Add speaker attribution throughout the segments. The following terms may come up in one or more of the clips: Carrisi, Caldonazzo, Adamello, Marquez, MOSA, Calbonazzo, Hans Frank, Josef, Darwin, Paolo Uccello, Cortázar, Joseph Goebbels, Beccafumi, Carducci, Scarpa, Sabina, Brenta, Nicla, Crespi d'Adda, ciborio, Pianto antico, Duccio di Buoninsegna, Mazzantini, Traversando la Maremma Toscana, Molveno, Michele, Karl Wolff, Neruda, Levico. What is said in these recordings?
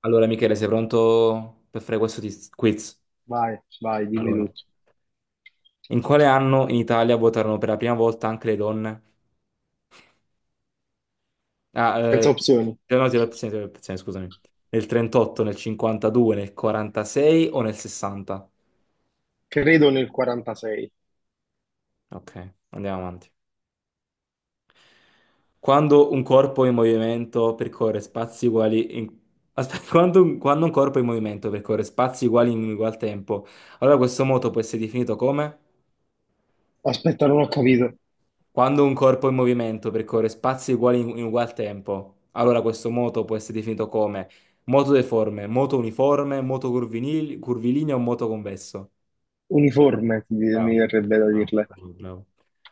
Speaker 1: Allora, Michele, sei pronto per fare questo quiz?
Speaker 2: Vai, vai, dimmi
Speaker 1: Allora,
Speaker 2: tutto.
Speaker 1: in quale anno in Italia votarono per la prima volta anche le donne? Ah,
Speaker 2: Senza opzioni.
Speaker 1: no, ti do le opzioni, ti do le opzioni, scusami. Nel 38, nel 52, nel 46 o nel 60?
Speaker 2: Credo nel 46.
Speaker 1: Ok, andiamo avanti. Quando un corpo in movimento percorre spazi uguali in... Aspetta, quando un corpo in movimento percorre spazi uguali in ugual tempo, allora questo moto può essere definito come?
Speaker 2: Aspetta, non ho capito.
Speaker 1: Quando un corpo in movimento percorre spazi uguali in ugual tempo, allora questo moto può essere definito come moto deforme, moto uniforme, moto curvilineo o moto convesso.
Speaker 2: Uniforme, ti- mi
Speaker 1: Bravo.
Speaker 2: verrebbe da
Speaker 1: Bravo,
Speaker 2: dirle.
Speaker 1: bravo, bravo.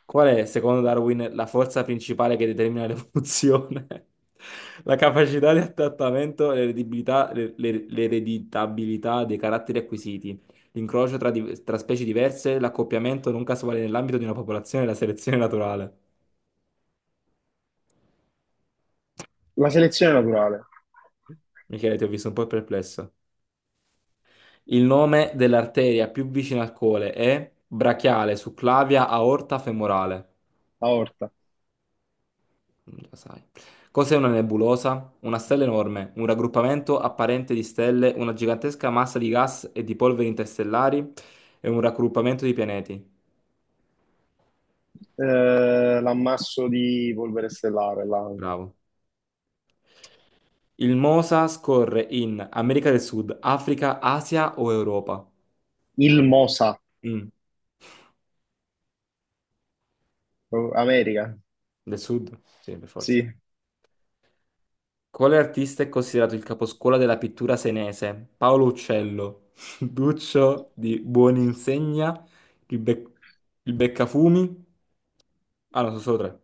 Speaker 1: Qual è, secondo Darwin, la forza principale che determina l'evoluzione? La capacità di adattamento, e l'ereditabilità dei caratteri acquisiti, l'incrocio tra specie diverse, l'accoppiamento non casuale nell'ambito di una popolazione e la selezione naturale.
Speaker 2: La selezione naturale,
Speaker 1: Michele, ti ho visto un po' perplesso. Il nome dell'arteria più vicina al cole è brachiale, succlavia, aorta femorale.
Speaker 2: aorta.
Speaker 1: Mm, già sai. Cos'è una nebulosa? Una stella enorme, un raggruppamento apparente di stelle, una gigantesca massa di gas e di polveri interstellari e un raggruppamento di pianeti.
Speaker 2: Eh, l'ammasso di polvere stellare, la-
Speaker 1: Bravo. Il MOSA scorre in America del Sud, Africa, Asia o Europa?
Speaker 2: il MOSA,
Speaker 1: Mm,
Speaker 2: oh, America.
Speaker 1: Del Sud? Sì, per forza.
Speaker 2: Sì,
Speaker 1: Quale artista è considerato il caposcuola della pittura senese? Paolo Uccello, Duccio di Buoninsegna, il, Bec- il Beccafumi. Ah, no, sono solo tre.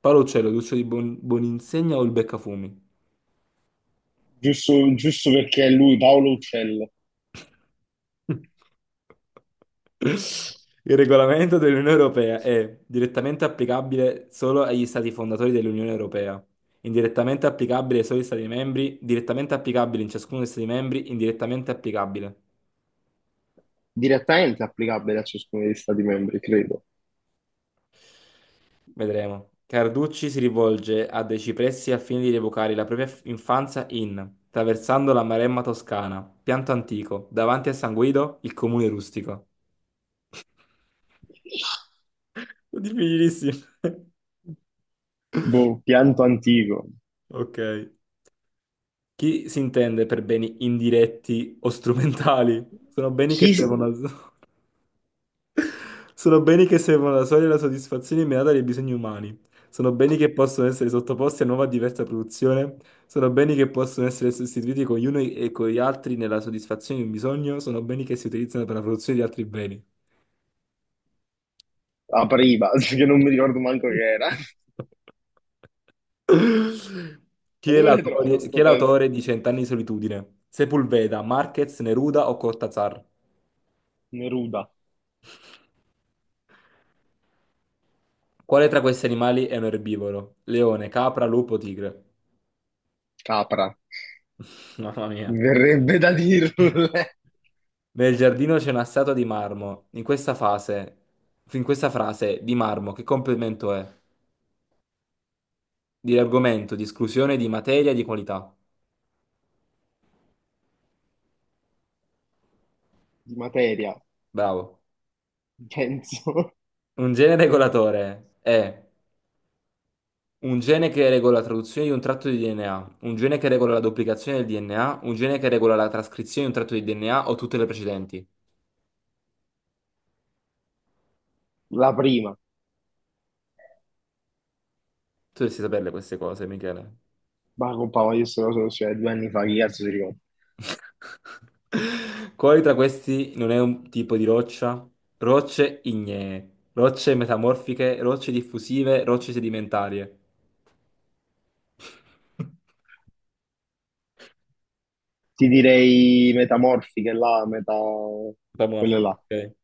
Speaker 1: Paolo Uccello, Duccio di Buoninsegna o il Beccafumi?
Speaker 2: giusto, giusto perché è lui, Paolo Uccello.
Speaker 1: Il regolamento dell'Unione Europea è direttamente applicabile solo agli stati fondatori dell'Unione Europea, indirettamente applicabile solo agli stati membri, direttamente applicabile in ciascuno degli stati membri, indirettamente applicabile.
Speaker 2: Direttamente applicabile a ciascuno degli stati membri, credo.
Speaker 1: Vedremo. Carducci si rivolge a dei cipressi al fine di evocare la propria infanzia in Traversando la Maremma Toscana, pianto antico, davanti a San Guido, il comune rustico. Difficilissimo.
Speaker 2: Boh, pianto antico.
Speaker 1: Ok. Chi si intende per beni indiretti o strumentali? Sono beni che
Speaker 2: Chi si-
Speaker 1: servono al... Sono beni che servono alla sola e alla soddisfazione immediata dei bisogni umani. Sono beni che possono essere sottoposti a nuova e diversa produzione. Sono beni che possono essere sostituiti con gli uni e con gli altri nella soddisfazione di un bisogno. Sono beni che si utilizzano per la produzione di altri beni.
Speaker 2: apriva? Che non mi ricordo manco che era.
Speaker 1: Chi
Speaker 2: Ma
Speaker 1: è
Speaker 2: dove l'hai trovato
Speaker 1: l'autore, chi è
Speaker 2: sto test?
Speaker 1: l'autore di Cent'anni di solitudine? Sepulveda, Marquez, Neruda o Cortázar?
Speaker 2: Neruda.
Speaker 1: Quale tra questi animali è un erbivoro? Leone, capra, lupo, tigre.
Speaker 2: Capra,
Speaker 1: Mamma mia.
Speaker 2: mi verrebbe da dirle
Speaker 1: Nel giardino c'è una statua di marmo. In questa frase, di marmo, che complemento è? Di argomento, di esclusione, di materia, di qualità.
Speaker 2: di materia,
Speaker 1: Bravo.
Speaker 2: penso,
Speaker 1: Un gene regolatore è un gene che regola la traduzione di un tratto di DNA, un gene che regola la duplicazione del DNA, un gene che regola la trascrizione di un tratto di DNA o tutte le precedenti.
Speaker 2: la prima,
Speaker 1: Tu dovresti saperle queste cose, Michele.
Speaker 2: ma compa, ma io sto cosa lo studiai 2 anni fa, che cazzo si ricorda?
Speaker 1: Quali tra questi non è un tipo di roccia? Rocce ignee, rocce metamorfiche, rocce diffusive, rocce sedimentarie.
Speaker 2: Ti direi metamorfiche là, meta... quelle
Speaker 1: Metamorfiche,
Speaker 2: là.
Speaker 1: ok.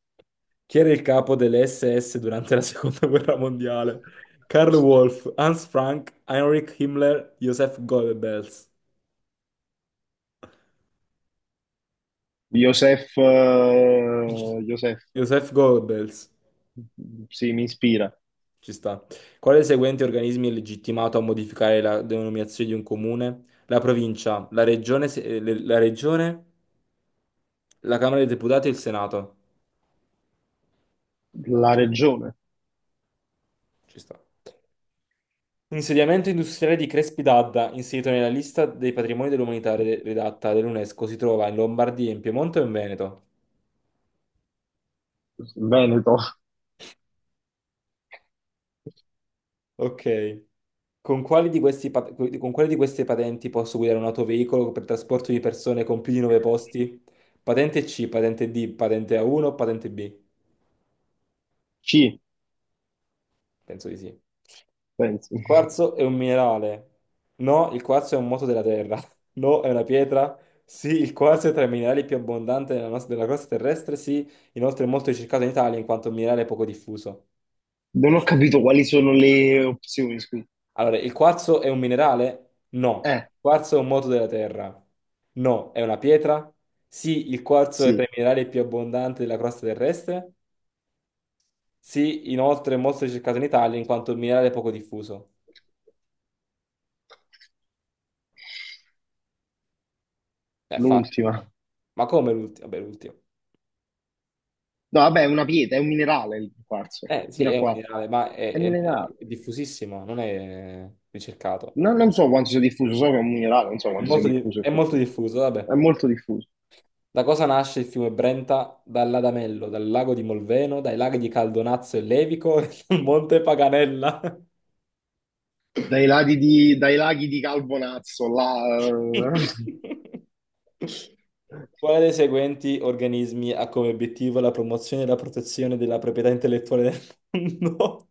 Speaker 1: Chi era il capo delle SS durante la seconda guerra mondiale? Karl Wolff, Hans Frank, Heinrich Himmler, Joseph Goebbels.
Speaker 2: Josef, Josef,
Speaker 1: Joseph Goebbels.
Speaker 2: sì, mi ispira.
Speaker 1: Ci sta. Quale dei seguenti organismi è legittimato a modificare la denominazione di un comune? La provincia, la regione, se- le- la regione, la Camera dei Deputati e il Senato.
Speaker 2: La regione,
Speaker 1: Ci sta. Insediamento industriale di Crespi d'Adda, inserito nella lista dei patrimoni dell'umanità redatta dall'UNESCO, si trova in Lombardia, in Piemonte o in Veneto?
Speaker 2: Veneto,
Speaker 1: Ok. Con quali di queste patenti posso guidare un autoveicolo per trasporto di persone con più di 9 posti? Patente C, patente D, patente A1 o patente B?
Speaker 2: C,
Speaker 1: Penso di sì.
Speaker 2: penso.
Speaker 1: Il quarzo è un minerale. No, il quarzo è un moto della Terra. No, è una pietra. Sì, il quarzo è tra i minerali più abbondanti della crosta terrestre. Sì, inoltre è molto ricercato in Italia in quanto un minerale poco diffuso.
Speaker 2: Non ho capito quali sono le opzioni, scusa.
Speaker 1: Allora, il quarzo è un minerale? No.
Speaker 2: Eh,
Speaker 1: Il quarzo è un moto della Terra. No, è una pietra? Sì, il quarzo è tra
Speaker 2: sì,
Speaker 1: i minerali più abbondanti della crosta terrestre. Sì, inoltre è molto ricercato in Italia in quanto un minerale poco diffuso. È facile.
Speaker 2: l'ultima.
Speaker 1: Ma come l'ultimo? Vabbè, l'ultimo.
Speaker 2: No, vabbè, è una pietra, è un minerale il quarzo,
Speaker 1: Eh sì,
Speaker 2: fino a
Speaker 1: è un
Speaker 2: qua.
Speaker 1: minerale, ma
Speaker 2: È minerale.
Speaker 1: è diffusissimo, non è ricercato.
Speaker 2: No, non so quanto sia diffuso, so che è un minerale, non so quanto sia diffuso
Speaker 1: È
Speaker 2: effettivamente.
Speaker 1: molto diffuso, vabbè.
Speaker 2: È molto diffuso.
Speaker 1: Da cosa nasce il fiume Brenta? Dall'Adamello, dal lago di Molveno, dai laghi di Caldonazzo e Levico, e dal Monte Paganella.
Speaker 2: Dai laghi di Calbonazzo, là....
Speaker 1: Quale dei seguenti organismi ha come obiettivo la promozione e la protezione della proprietà intellettuale del mondo?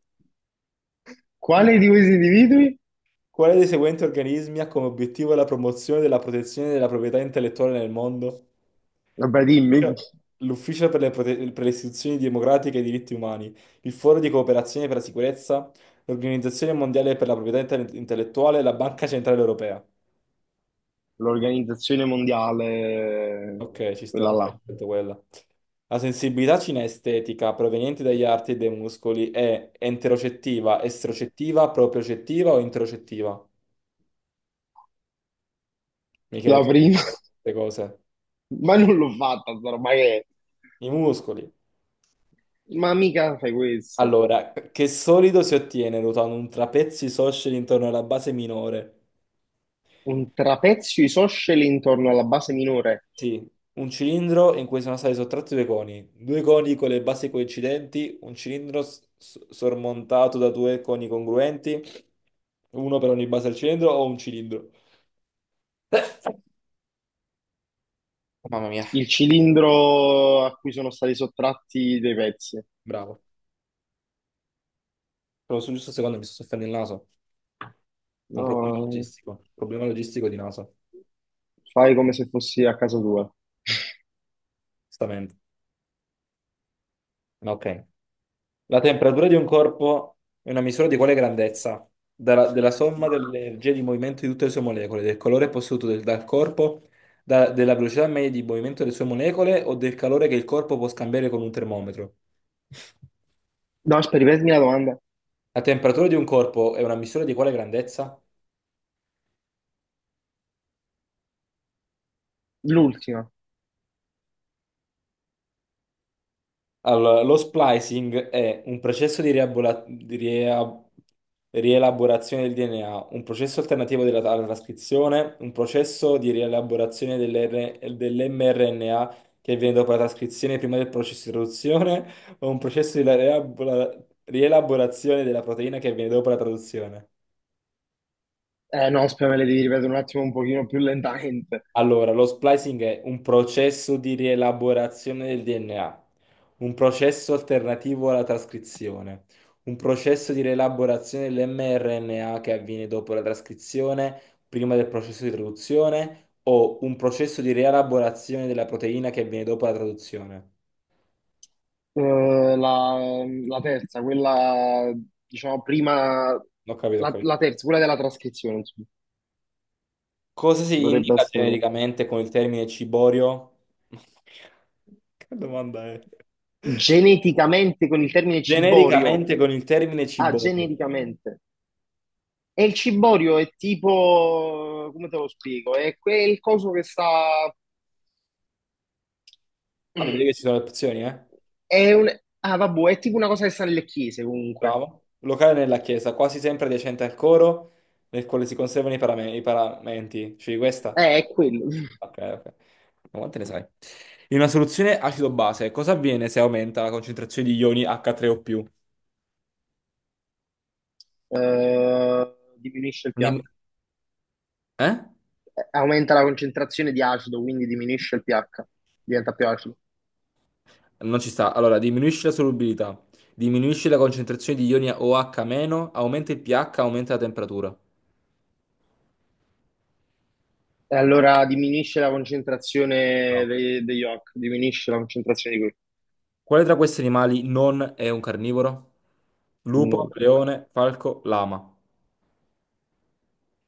Speaker 2: Quale di questi individui?
Speaker 1: Quale dei seguenti organismi ha come obiettivo la promozione della protezione della proprietà intellettuale nel mondo?
Speaker 2: Vabbè, dimmi,
Speaker 1: L'Ufficio per le istituzioni democratiche e i diritti umani, il Foro di cooperazione per la sicurezza, l'Organizzazione mondiale per la proprietà intellettuale e la Banca centrale europea.
Speaker 2: l'Organizzazione Mondiale,
Speaker 1: Ok, ci sta
Speaker 2: quella
Speaker 1: pure
Speaker 2: là,
Speaker 1: detto quella. La sensibilità cinestetica proveniente dagli arti e dai muscoli è enterocettiva, estrocettiva, propriocettiva o interocettiva? Michele,
Speaker 2: la
Speaker 1: tu
Speaker 2: prima.
Speaker 1: queste cose.
Speaker 2: Ma non l'ho fatta, sta roba che è?
Speaker 1: I muscoli.
Speaker 2: Ma mica fai questo.
Speaker 1: Allora, che solido si ottiene ruotando un trapezio isoscele intorno alla base minore?
Speaker 2: Un trapezio isoscele intorno alla base minore.
Speaker 1: Sì, un cilindro in cui sono stati sottratti due coni con le basi coincidenti, un cilindro sormontato da due coni congruenti, uno per ogni base del cilindro o un cilindro. Oh, Mamma mia,
Speaker 2: Il cilindro a cui sono stati sottratti dei pezzi.
Speaker 1: bravo. Proprio sul giusto secondo mi sto soffiando il naso. Ho un
Speaker 2: No,
Speaker 1: problema logistico di naso.
Speaker 2: fai come se fossi a casa tua.
Speaker 1: Stamente. Ok. La temperatura di un corpo è una misura di quale grandezza? Della somma delle energie di movimento di tutte le sue molecole, del calore posseduto dal corpo, della velocità media di movimento delle sue molecole o del calore che il corpo può scambiare con un termometro?
Speaker 2: No, aspetta, ripetimi la domanda.
Speaker 1: La temperatura di un corpo è una misura di quale grandezza?
Speaker 2: L'ultima.
Speaker 1: Allora, lo splicing è un processo di rielaborazione del DNA, un processo alternativo della alla trascrizione, un processo di rielaborazione dell'mRNA che avviene dopo la trascrizione prima del processo di traduzione, o un processo di rielaborazione della proteina che avviene dopo la traduzione.
Speaker 2: Eh no, aspetta, me le devi ripetere un attimo un pochino più lentamente.
Speaker 1: Allora, lo splicing è un processo di rielaborazione del DNA, un processo alternativo alla trascrizione, un processo di rielaborazione dell'mRNA che avviene dopo la trascrizione, prima del processo di traduzione, o un processo di rielaborazione della proteina che avviene dopo la traduzione.
Speaker 2: Eh, la terza, quella, diciamo, prima...
Speaker 1: Ho capito, ho
Speaker 2: La
Speaker 1: capito.
Speaker 2: terza, quella della trascrizione, insomma.
Speaker 1: Cosa si
Speaker 2: Dovrebbe
Speaker 1: indica
Speaker 2: essere quella.
Speaker 1: genericamente con il termine ciborio? Che domanda è?
Speaker 2: Geneticamente, con il termine ciborio.
Speaker 1: Genericamente con il termine
Speaker 2: Ah,
Speaker 1: ciborio.
Speaker 2: genericamente. E il ciborio è tipo, come te lo spiego? È quel coso che sta.
Speaker 1: Ah, vedete
Speaker 2: Mm,
Speaker 1: che ci sono le opzioni, eh?
Speaker 2: è un. Ah, vabbè, è tipo una cosa che sta nelle chiese comunque.
Speaker 1: Bravo. Locale nella chiesa, quasi sempre adiacente al coro, nel quale si conservano i paramenti. Cioè, questa?
Speaker 2: È quello.
Speaker 1: Ok, ok. Ma quante ne sai? In una soluzione acido-base, cosa avviene se aumenta la concentrazione di ioni H3O+.
Speaker 2: Diminuisce il pH.
Speaker 1: Dim- eh?
Speaker 2: Aumenta la concentrazione di acido, quindi diminuisce il pH, diventa più acido.
Speaker 1: Non ci sta. Allora, diminuisce la solubilità, diminuisce la concentrazione di ioni OH-, aumenta il pH, aumenta la temperatura.
Speaker 2: E allora diminuisce la concentrazione
Speaker 1: No.
Speaker 2: de- degli oc, diminuisce la concentrazione di quel
Speaker 1: Quale tra questi animali non è un carnivoro? Lupo,
Speaker 2: nome. Ecco.
Speaker 1: leone, falco, lama.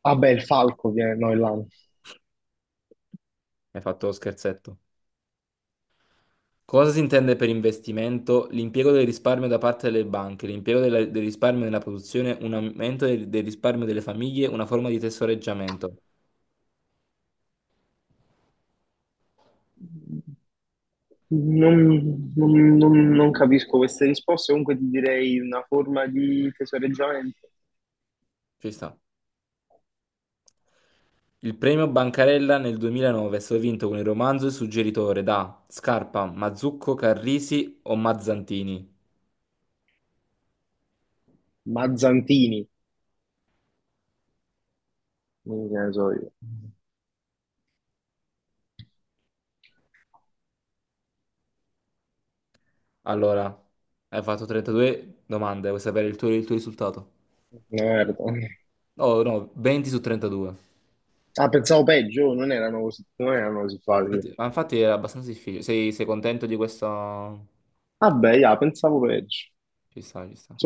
Speaker 2: Vabbè, il falco, che no, è là.
Speaker 1: Hai fatto lo scherzetto. Cosa si intende per investimento? L'impiego del risparmio da parte delle banche, l'impiego del risparmio nella produzione, un aumento del risparmio delle famiglie, una forma di tesoreggiamento.
Speaker 2: Non, non capisco queste risposte, comunque ti direi una forma di tesoreggiamento.
Speaker 1: Ci sta. Il premio Bancarella nel 2009 è stato vinto con il romanzo Il suggeritore da Scarpa, Mazzucco, Carrisi o Mazzantini.
Speaker 2: Mazzantini, non che ne so io.
Speaker 1: Allora, hai fatto 32 domande, vuoi sapere il tuo risultato?
Speaker 2: Merda.
Speaker 1: No, no, 20 su 32.
Speaker 2: Ah, pensavo peggio, non erano così, non erano così
Speaker 1: Ma
Speaker 2: facili.
Speaker 1: Infatti, ma infatti era abbastanza difficile. Sei contento di questo?
Speaker 2: Vabbè, ah, pensavo peggio.
Speaker 1: Ci sta, ci sta.